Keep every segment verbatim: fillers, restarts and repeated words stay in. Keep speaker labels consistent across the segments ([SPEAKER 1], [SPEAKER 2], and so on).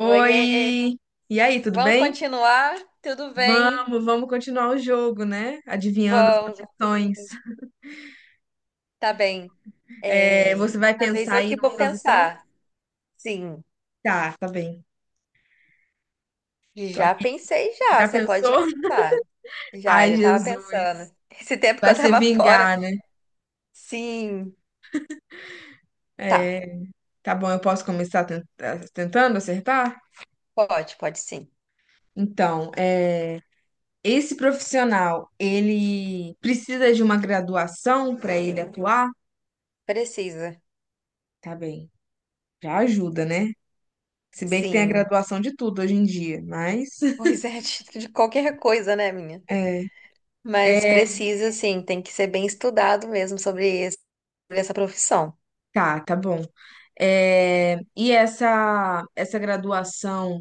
[SPEAKER 1] Oiê,
[SPEAKER 2] Oi! E aí, tudo
[SPEAKER 1] vamos
[SPEAKER 2] bem?
[SPEAKER 1] continuar? Tudo bem?
[SPEAKER 2] Vamos, vamos continuar o jogo, né? Adivinhando as
[SPEAKER 1] Vamos, sim,
[SPEAKER 2] profissões.
[SPEAKER 1] tá bem.
[SPEAKER 2] É,
[SPEAKER 1] É,
[SPEAKER 2] você vai
[SPEAKER 1] dessa vez
[SPEAKER 2] pensar
[SPEAKER 1] eu
[SPEAKER 2] aí
[SPEAKER 1] que
[SPEAKER 2] numa
[SPEAKER 1] vou
[SPEAKER 2] profissão?
[SPEAKER 1] pensar. Sim,
[SPEAKER 2] Tá, tá bem. Tô
[SPEAKER 1] já
[SPEAKER 2] aqui.
[SPEAKER 1] pensei já,
[SPEAKER 2] Já
[SPEAKER 1] você pode
[SPEAKER 2] pensou?
[SPEAKER 1] começar. Já,
[SPEAKER 2] Ai,
[SPEAKER 1] já tava
[SPEAKER 2] Jesus.
[SPEAKER 1] pensando. Esse tempo que
[SPEAKER 2] Vai
[SPEAKER 1] eu
[SPEAKER 2] se
[SPEAKER 1] tava fora.
[SPEAKER 2] vingar, né?
[SPEAKER 1] Sim, tá,
[SPEAKER 2] É, tá bom, eu posso começar ten- eh, tentando acertar?
[SPEAKER 1] pode, pode sim.
[SPEAKER 2] Então, é, esse profissional, ele precisa de uma graduação para ele atuar?
[SPEAKER 1] Precisa,
[SPEAKER 2] Tá bem. Já ajuda, né? Se bem que tem a
[SPEAKER 1] sim.
[SPEAKER 2] graduação de tudo hoje em dia, mas.
[SPEAKER 1] Pois é, de de qualquer coisa, né, minha? Mas
[SPEAKER 2] É.
[SPEAKER 1] precisa, sim, tem que ser bem estudado mesmo sobre esse- sobre essa profissão.
[SPEAKER 2] Tá, tá bom. É, e essa essa graduação,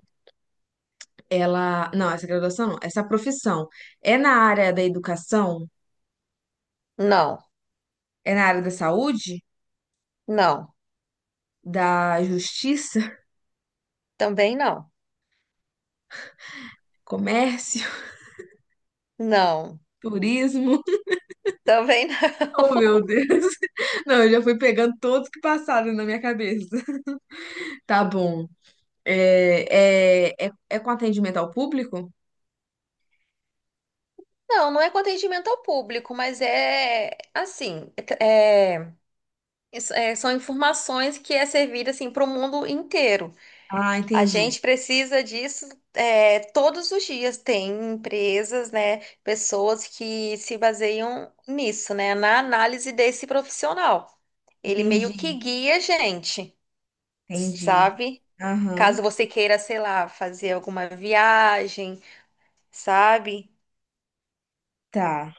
[SPEAKER 2] ela, não, essa graduação não, essa profissão é na área da educação,
[SPEAKER 1] Não,
[SPEAKER 2] é na área da saúde,
[SPEAKER 1] não,
[SPEAKER 2] da justiça,
[SPEAKER 1] também não.
[SPEAKER 2] comércio,
[SPEAKER 1] Não,
[SPEAKER 2] turismo.
[SPEAKER 1] também
[SPEAKER 2] Oh,
[SPEAKER 1] não.
[SPEAKER 2] meu Deus. Não, eu já fui pegando todos que passaram na minha cabeça. Tá bom. É, é, é, é com atendimento ao público?
[SPEAKER 1] Não, não é com atendimento ao público, mas é assim, é- é- são informações que é servida assim para o mundo inteiro.
[SPEAKER 2] Ah,
[SPEAKER 1] A
[SPEAKER 2] entendi.
[SPEAKER 1] gente precisa disso é, todos os dias. Tem empresas, né, pessoas que se baseiam nisso, né, na análise desse profissional. Ele meio que
[SPEAKER 2] Entendi,
[SPEAKER 1] guia a gente,
[SPEAKER 2] entendi.
[SPEAKER 1] sabe?
[SPEAKER 2] Aham,
[SPEAKER 1] Caso você queira, sei lá, fazer alguma viagem, sabe?
[SPEAKER 2] tá.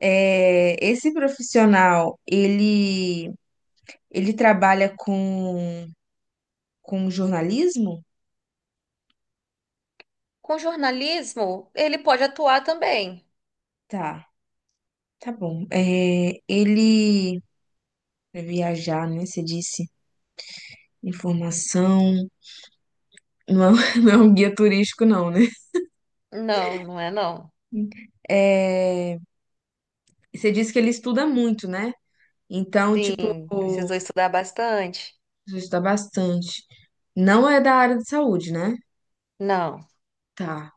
[SPEAKER 2] É, esse profissional, ele, ele trabalha com, com jornalismo?
[SPEAKER 1] Com jornalismo, ele pode atuar também.
[SPEAKER 2] Tá, tá bom. É, ele vai viajar, né? Você disse informação. Não, é- não é um guia turístico, não, né?
[SPEAKER 1] Não, não é não.
[SPEAKER 2] É, você disse que ele estuda muito, né? Então, tipo,
[SPEAKER 1] Sim, precisou estudar bastante.
[SPEAKER 2] precisa estudar bastante. Não é da área de saúde, né?
[SPEAKER 1] Não,
[SPEAKER 2] Tá.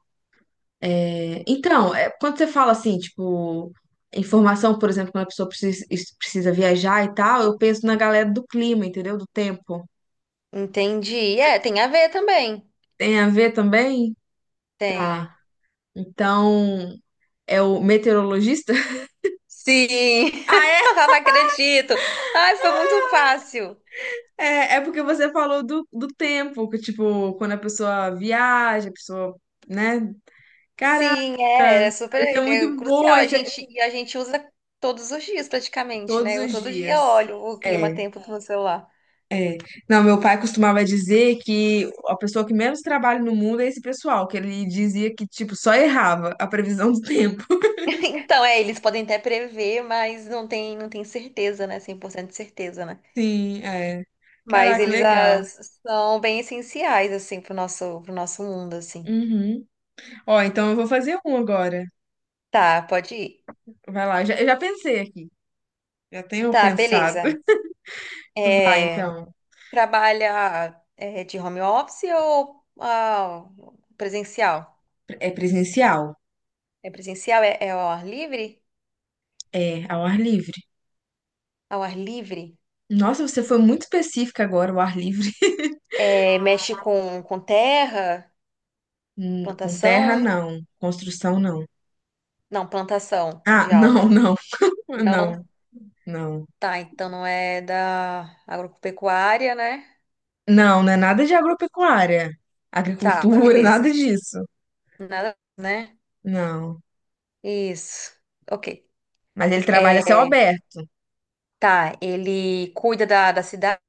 [SPEAKER 2] É, então, é, quando você fala assim, tipo, informação, por exemplo, quando a pessoa precisa, es- precisa viajar e tal, eu penso na galera do clima, entendeu? Do tempo.
[SPEAKER 1] entendi. É, tem a ver também.
[SPEAKER 2] Tem a ver também?
[SPEAKER 1] Tem.
[SPEAKER 2] Tá. Então, é o meteorologista?
[SPEAKER 1] Sim.
[SPEAKER 2] Ah, é?
[SPEAKER 1] Ah, não acredito. Ai, foi muito fácil.
[SPEAKER 2] É, é porque você falou do, do tempo, que, tipo, quando a pessoa viaja, a pessoa, né?
[SPEAKER 1] Sim, é,
[SPEAKER 2] Caraca,
[SPEAKER 1] é super,
[SPEAKER 2] esse é
[SPEAKER 1] ele é
[SPEAKER 2] muito bom,
[SPEAKER 1] crucial. A
[SPEAKER 2] esse é
[SPEAKER 1] gente e a gente usa todos os dias praticamente,
[SPEAKER 2] todos
[SPEAKER 1] né? Eu
[SPEAKER 2] os
[SPEAKER 1] todo dia
[SPEAKER 2] dias.
[SPEAKER 1] olho o
[SPEAKER 2] É.
[SPEAKER 1] clima-tempo no celular.
[SPEAKER 2] É. Não, meu pai costumava dizer que a pessoa que menos trabalha no mundo é esse pessoal, que ele dizia que, tipo, só errava a previsão do tempo.
[SPEAKER 1] Então, é, eles podem até prever, mas não tem, não tem certeza, né? Cem por cento de certeza, né?
[SPEAKER 2] Sim, é.
[SPEAKER 1] Mas
[SPEAKER 2] Caraca,
[SPEAKER 1] eles
[SPEAKER 2] legal.
[SPEAKER 1] ah, são bem essenciais, assim, pro nosso, pro nosso mundo, assim.
[SPEAKER 2] Uhum. Ó, então eu vou fazer um agora.
[SPEAKER 1] Tá, pode ir.
[SPEAKER 2] Vai lá, eu já, eu já pensei aqui. Já tenho
[SPEAKER 1] Tá,
[SPEAKER 2] pensado.
[SPEAKER 1] beleza.
[SPEAKER 2] Vai,
[SPEAKER 1] É,
[SPEAKER 2] então.
[SPEAKER 1] trabalha é, de home office ou ah, presencial?
[SPEAKER 2] É presencial.
[SPEAKER 1] É presencial? É, é ao ar livre?
[SPEAKER 2] É, ao ar livre.
[SPEAKER 1] Ao ar livre?
[SPEAKER 2] Nossa, você foi muito específica agora, o ar livre.
[SPEAKER 1] É, mexe com, com terra?
[SPEAKER 2] Hum, com terra,
[SPEAKER 1] Plantação?
[SPEAKER 2] não. Construção, não.
[SPEAKER 1] Não, plantação
[SPEAKER 2] Ah,
[SPEAKER 1] de
[SPEAKER 2] não,
[SPEAKER 1] algo.
[SPEAKER 2] não. Não,
[SPEAKER 1] Não?
[SPEAKER 2] não.
[SPEAKER 1] Tá, então não é da agropecuária, né?
[SPEAKER 2] Não, não é nada de agropecuária,
[SPEAKER 1] Tá,
[SPEAKER 2] agricultura, nada
[SPEAKER 1] beleza.
[SPEAKER 2] disso.
[SPEAKER 1] Nada, né?
[SPEAKER 2] Não.
[SPEAKER 1] Isso. Ok.
[SPEAKER 2] Mas ele trabalha a céu aberto.
[SPEAKER 1] Tá, ele cuida da, da cidade.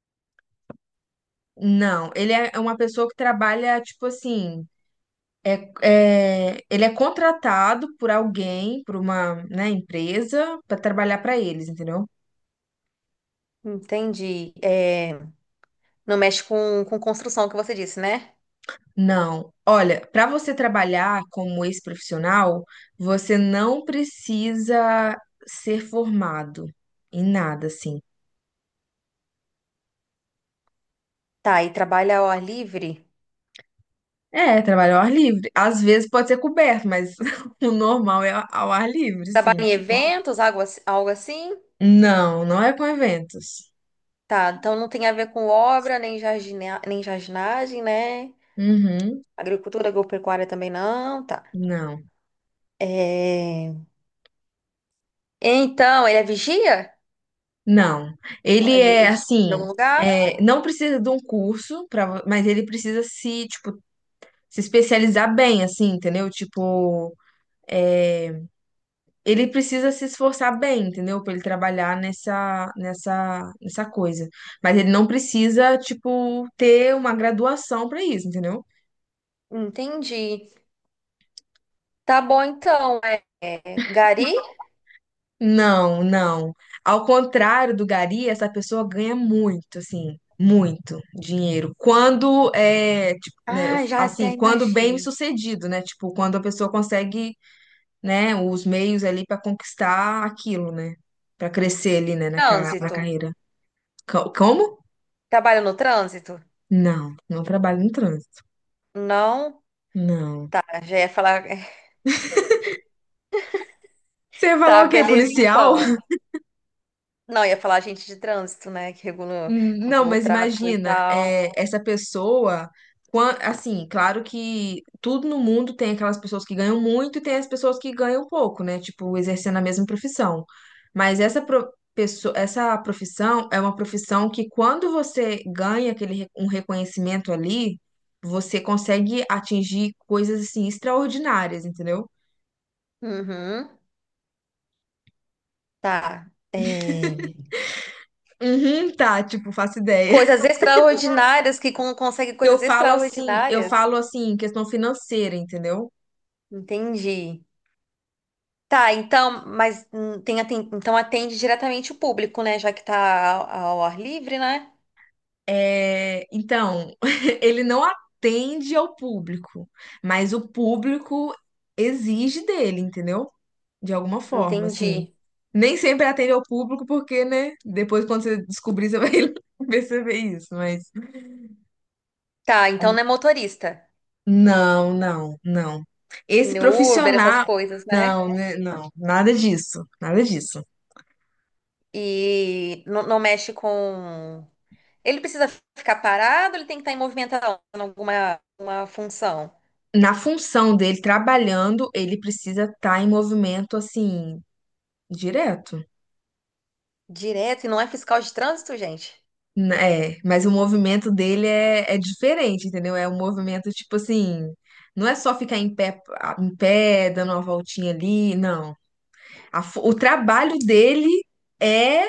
[SPEAKER 2] Não, ele é é uma pessoa que trabalha, tipo assim, é, é- ele é contratado por alguém, por uma, né, empresa, para trabalhar para eles, entendeu?
[SPEAKER 1] Entendi. É, não mexe com, com construção, que você disse, né?
[SPEAKER 2] Não. Olha, para você trabalhar como esse profissional, você não precisa ser formado em nada, assim.
[SPEAKER 1] Tá, e trabalha ao ar livre?
[SPEAKER 2] É, trabalho ao ar livre. Às vezes pode ser coberto, mas o normal é ao ar livre,
[SPEAKER 1] Trabalha
[SPEAKER 2] sim.
[SPEAKER 1] em
[SPEAKER 2] Tipo,
[SPEAKER 1] eventos, algo, ass- algo assim?
[SPEAKER 2] não, não é com eventos.
[SPEAKER 1] Tá, então não tem a ver com obra, nem jardina, nem jardinagem, né?
[SPEAKER 2] Uhum,
[SPEAKER 1] Agricultura, agropecuária também não, tá.
[SPEAKER 2] não,
[SPEAKER 1] É, então, ele é vigia?
[SPEAKER 2] não.
[SPEAKER 1] É
[SPEAKER 2] Ele
[SPEAKER 1] De,
[SPEAKER 2] é
[SPEAKER 1] de-
[SPEAKER 2] assim,
[SPEAKER 1] algum lugar?
[SPEAKER 2] é, não precisa de um curso, pra, mas ele precisa se, tipo, se especializar bem, assim, entendeu? Tipo, é, ele precisa se esforçar bem, entendeu? Pra ele trabalhar nessa, nessa, nessa coisa. Mas ele não precisa, tipo, ter uma graduação pra isso, entendeu?
[SPEAKER 1] Entendi. Tá bom, então. É, é, Gari?
[SPEAKER 2] Não, não. Ao contrário do Gari, essa pessoa ganha muito, assim, muito dinheiro. Quando é, tipo, né, eu-
[SPEAKER 1] Ah, já
[SPEAKER 2] assim,
[SPEAKER 1] até
[SPEAKER 2] quando bem
[SPEAKER 1] imagino.
[SPEAKER 2] sucedido, né? Tipo, quando a pessoa consegue, né, os meios ali para conquistar aquilo, né? Para crescer ali, né, na, ca- na
[SPEAKER 1] Trânsito.
[SPEAKER 2] carreira. Co- Como?
[SPEAKER 1] Trabalho no trânsito?
[SPEAKER 2] Não, não trabalho no trânsito.
[SPEAKER 1] Não.
[SPEAKER 2] Não.
[SPEAKER 1] Ah, já ia falar.
[SPEAKER 2] Você ia falar
[SPEAKER 1] Tá,
[SPEAKER 2] o quê?
[SPEAKER 1] beleza,
[SPEAKER 2] Policial?
[SPEAKER 1] então. Não, ia falar agente de trânsito, né? Que regula,
[SPEAKER 2] Hum, Não,
[SPEAKER 1] controla o
[SPEAKER 2] mas
[SPEAKER 1] tráfego e
[SPEAKER 2] imagina,
[SPEAKER 1] tal.
[SPEAKER 2] é, essa pessoa, quan- assim, claro que tudo no mundo tem aquelas pessoas que ganham muito e tem as pessoas que ganham pouco, né? Tipo, exercendo a mesma profissão. Mas essa pro- pesso- essa profissão é uma profissão que quando você ganha aquele re- um reconhecimento ali, você consegue atingir coisas assim extraordinárias, entendeu?
[SPEAKER 1] Uhum. Tá. É,
[SPEAKER 2] Uhum, tá, tipo, faço ideia.
[SPEAKER 1] coisas extraordinárias que con- consegue
[SPEAKER 2] Eu
[SPEAKER 1] coisas
[SPEAKER 2] falo assim, eu
[SPEAKER 1] extraordinárias.
[SPEAKER 2] falo assim, em questão financeira, entendeu?
[SPEAKER 1] Entendi. Tá, então, mas hum, tem, aten- então atende diretamente o público, né? Já que tá ao, ao ar livre, né?
[SPEAKER 2] É, então, ele não atende ao público, mas o público exige dele, entendeu? De alguma forma, assim.
[SPEAKER 1] Entendi.
[SPEAKER 2] Nem sempre atende ao público, porque, né? Depois, quando você descobrir, você vai perceber isso, mas.
[SPEAKER 1] Tá, então não é motorista.
[SPEAKER 2] Não, não, não. Esse
[SPEAKER 1] No Uber, essas
[SPEAKER 2] profissional.
[SPEAKER 1] coisas, né?
[SPEAKER 2] Não, né, não, nada disso, nada disso.
[SPEAKER 1] E não, não mexe com. Ele precisa ficar parado, ele tem que estar em movimentação, em alguma uma função.
[SPEAKER 2] Na função dele trabalhando, ele precisa estar em movimento, assim, direto.
[SPEAKER 1] Direto, e não é fiscal de trânsito, gente.
[SPEAKER 2] N- É, mas o movimento dele é, é diferente, entendeu? É um movimento tipo assim, não é só ficar em pé, a- em pé, dando uma voltinha ali, não. A fo- o trabalho dele é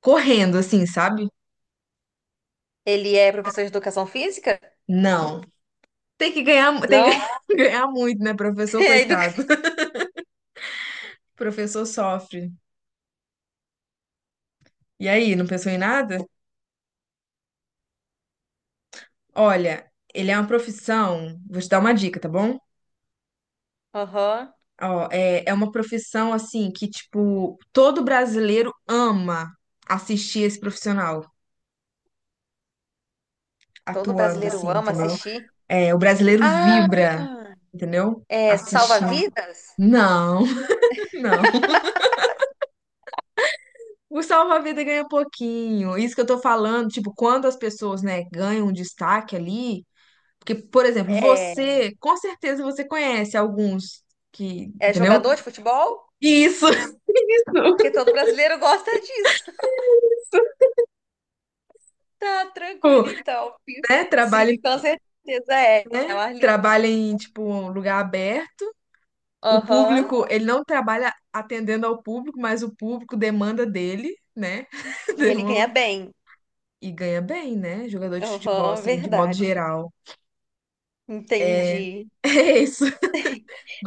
[SPEAKER 2] correndo, assim, sabe?
[SPEAKER 1] Ele é professor de educação física?
[SPEAKER 2] Não. Tem que ganhar, mu- tem
[SPEAKER 1] Não.
[SPEAKER 2] que ganhar muito, né, professor,
[SPEAKER 1] É educa...
[SPEAKER 2] coitado. Professor sofre. E aí, não pensou em nada? Olha, ele é uma profissão, vou te dar uma dica, tá bom?
[SPEAKER 1] Aham.
[SPEAKER 2] Ó, é, é uma profissão assim que, tipo, todo brasileiro ama assistir esse profissional
[SPEAKER 1] Todo
[SPEAKER 2] atuando, assim,
[SPEAKER 1] brasileiro ama
[SPEAKER 2] entendeu?
[SPEAKER 1] assistir.
[SPEAKER 2] É, o brasileiro
[SPEAKER 1] Ah,
[SPEAKER 2] vibra, entendeu?
[SPEAKER 1] é
[SPEAKER 2] Assistindo.
[SPEAKER 1] salva-vidas?
[SPEAKER 2] Não, não. O salva-vida ganha pouquinho. Isso que eu tô falando, tipo, quando as pessoas, né, ganham um destaque ali. Porque, por exemplo,
[SPEAKER 1] É,
[SPEAKER 2] você, com certeza você conhece alguns que,
[SPEAKER 1] é
[SPEAKER 2] entendeu?
[SPEAKER 1] jogador de futebol?
[SPEAKER 2] Isso,
[SPEAKER 1] Porque todo brasileiro gosta disso. Tá tranquilo, então.
[SPEAKER 2] né?
[SPEAKER 1] Sim,
[SPEAKER 2] Trabalha
[SPEAKER 1] com certeza é. É o
[SPEAKER 2] né?
[SPEAKER 1] Arlindo.
[SPEAKER 2] Trabalha em, tipo, um lugar aberto. O
[SPEAKER 1] Aham.
[SPEAKER 2] público, ele não trabalha atendendo ao público, mas o público demanda dele, né?
[SPEAKER 1] E ele ganha
[SPEAKER 2] Demanda-
[SPEAKER 1] bem.
[SPEAKER 2] E ganha bem, né? Jogador de futebol,
[SPEAKER 1] Aham,
[SPEAKER 2] assim, de modo
[SPEAKER 1] verdade.
[SPEAKER 2] geral.
[SPEAKER 1] Entendi.
[SPEAKER 2] É isso.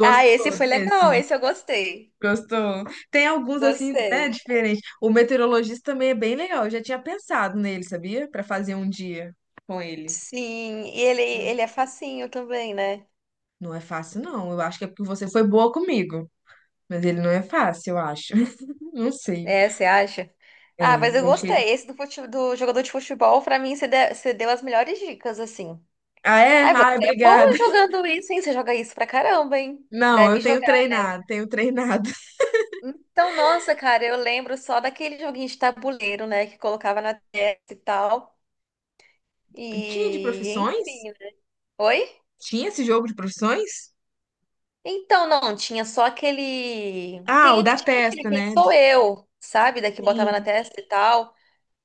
[SPEAKER 1] Ah, esse foi legal,
[SPEAKER 2] desse?
[SPEAKER 1] esse eu gostei.
[SPEAKER 2] Gostou? Tem alguns, assim, né,
[SPEAKER 1] Gostei.
[SPEAKER 2] diferentes. O meteorologista também é bem legal. Eu já tinha pensado nele, sabia? Pra fazer um dia com ele.
[SPEAKER 1] Sim, e ele, ele é facinho também, né?
[SPEAKER 2] Não é fácil, não. Eu acho que é porque você foi boa comigo. Mas ele não é fácil, eu acho. Não sei.
[SPEAKER 1] É, você acha? Ah, mas
[SPEAKER 2] É,
[SPEAKER 1] eu
[SPEAKER 2] eu achei.
[SPEAKER 1] gostei. Esse do, fute- do jogador de futebol, pra mim, você de- você deu as melhores dicas, assim.
[SPEAKER 2] Ah, é?
[SPEAKER 1] Ai, você
[SPEAKER 2] Ai,
[SPEAKER 1] é boa
[SPEAKER 2] obrigada.
[SPEAKER 1] jogando isso, hein? Você joga isso pra caramba, hein?
[SPEAKER 2] Não, eu
[SPEAKER 1] Deve jogar,
[SPEAKER 2] tenho
[SPEAKER 1] né?
[SPEAKER 2] treinado, tenho treinado.
[SPEAKER 1] Então, nossa, cara, eu lembro só daquele joguinho de tabuleiro, né? Que colocava na testa e tal.
[SPEAKER 2] Tinha de
[SPEAKER 1] E,
[SPEAKER 2] profissões?
[SPEAKER 1] enfim, né? Oi?
[SPEAKER 2] Tinha esse jogo de profissões?
[SPEAKER 1] Então, não, tinha só aquele.
[SPEAKER 2] Ah, o
[SPEAKER 1] Tem,
[SPEAKER 2] da
[SPEAKER 1] tinha aquele
[SPEAKER 2] testa,
[SPEAKER 1] Quem
[SPEAKER 2] né?
[SPEAKER 1] Sou Eu, sabe? Daqui botava na
[SPEAKER 2] Sim,
[SPEAKER 1] testa e tal.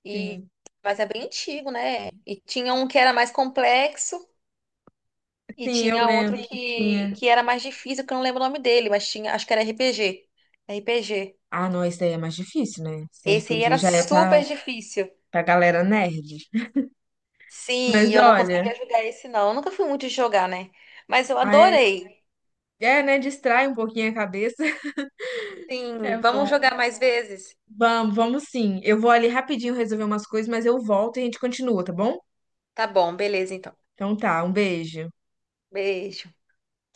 [SPEAKER 1] E...
[SPEAKER 2] sim.
[SPEAKER 1] Mas é bem antigo, né? E tinha um que era mais complexo e
[SPEAKER 2] Sim, eu
[SPEAKER 1] tinha outro
[SPEAKER 2] lembro
[SPEAKER 1] sim.
[SPEAKER 2] que
[SPEAKER 1] que,
[SPEAKER 2] tinha.
[SPEAKER 1] que era mais difícil, que eu não lembro o nome dele, mas tinha, acho que era R P G. R P G.
[SPEAKER 2] Ah, não, esse daí é mais difícil, né? Esse
[SPEAKER 1] Esse aí
[SPEAKER 2] R P G
[SPEAKER 1] era
[SPEAKER 2] já é pra,
[SPEAKER 1] super difícil.
[SPEAKER 2] pra galera nerd.
[SPEAKER 1] Sim, e
[SPEAKER 2] Mas
[SPEAKER 1] eu não
[SPEAKER 2] olha,
[SPEAKER 1] conseguia jogar esse, não. Eu nunca fui muito de jogar, né? Mas eu
[SPEAKER 2] ah, é,
[SPEAKER 1] adorei.
[SPEAKER 2] é, né? Distrai um pouquinho a cabeça. É
[SPEAKER 1] Sim, vamos
[SPEAKER 2] bom.
[SPEAKER 1] jogar mais vezes?
[SPEAKER 2] Vamos, vamos sim. Eu vou ali rapidinho resolver umas coisas, mas eu volto e a gente continua, tá bom?
[SPEAKER 1] Tá bom, beleza então.
[SPEAKER 2] Então tá, um beijo.
[SPEAKER 1] Beijo.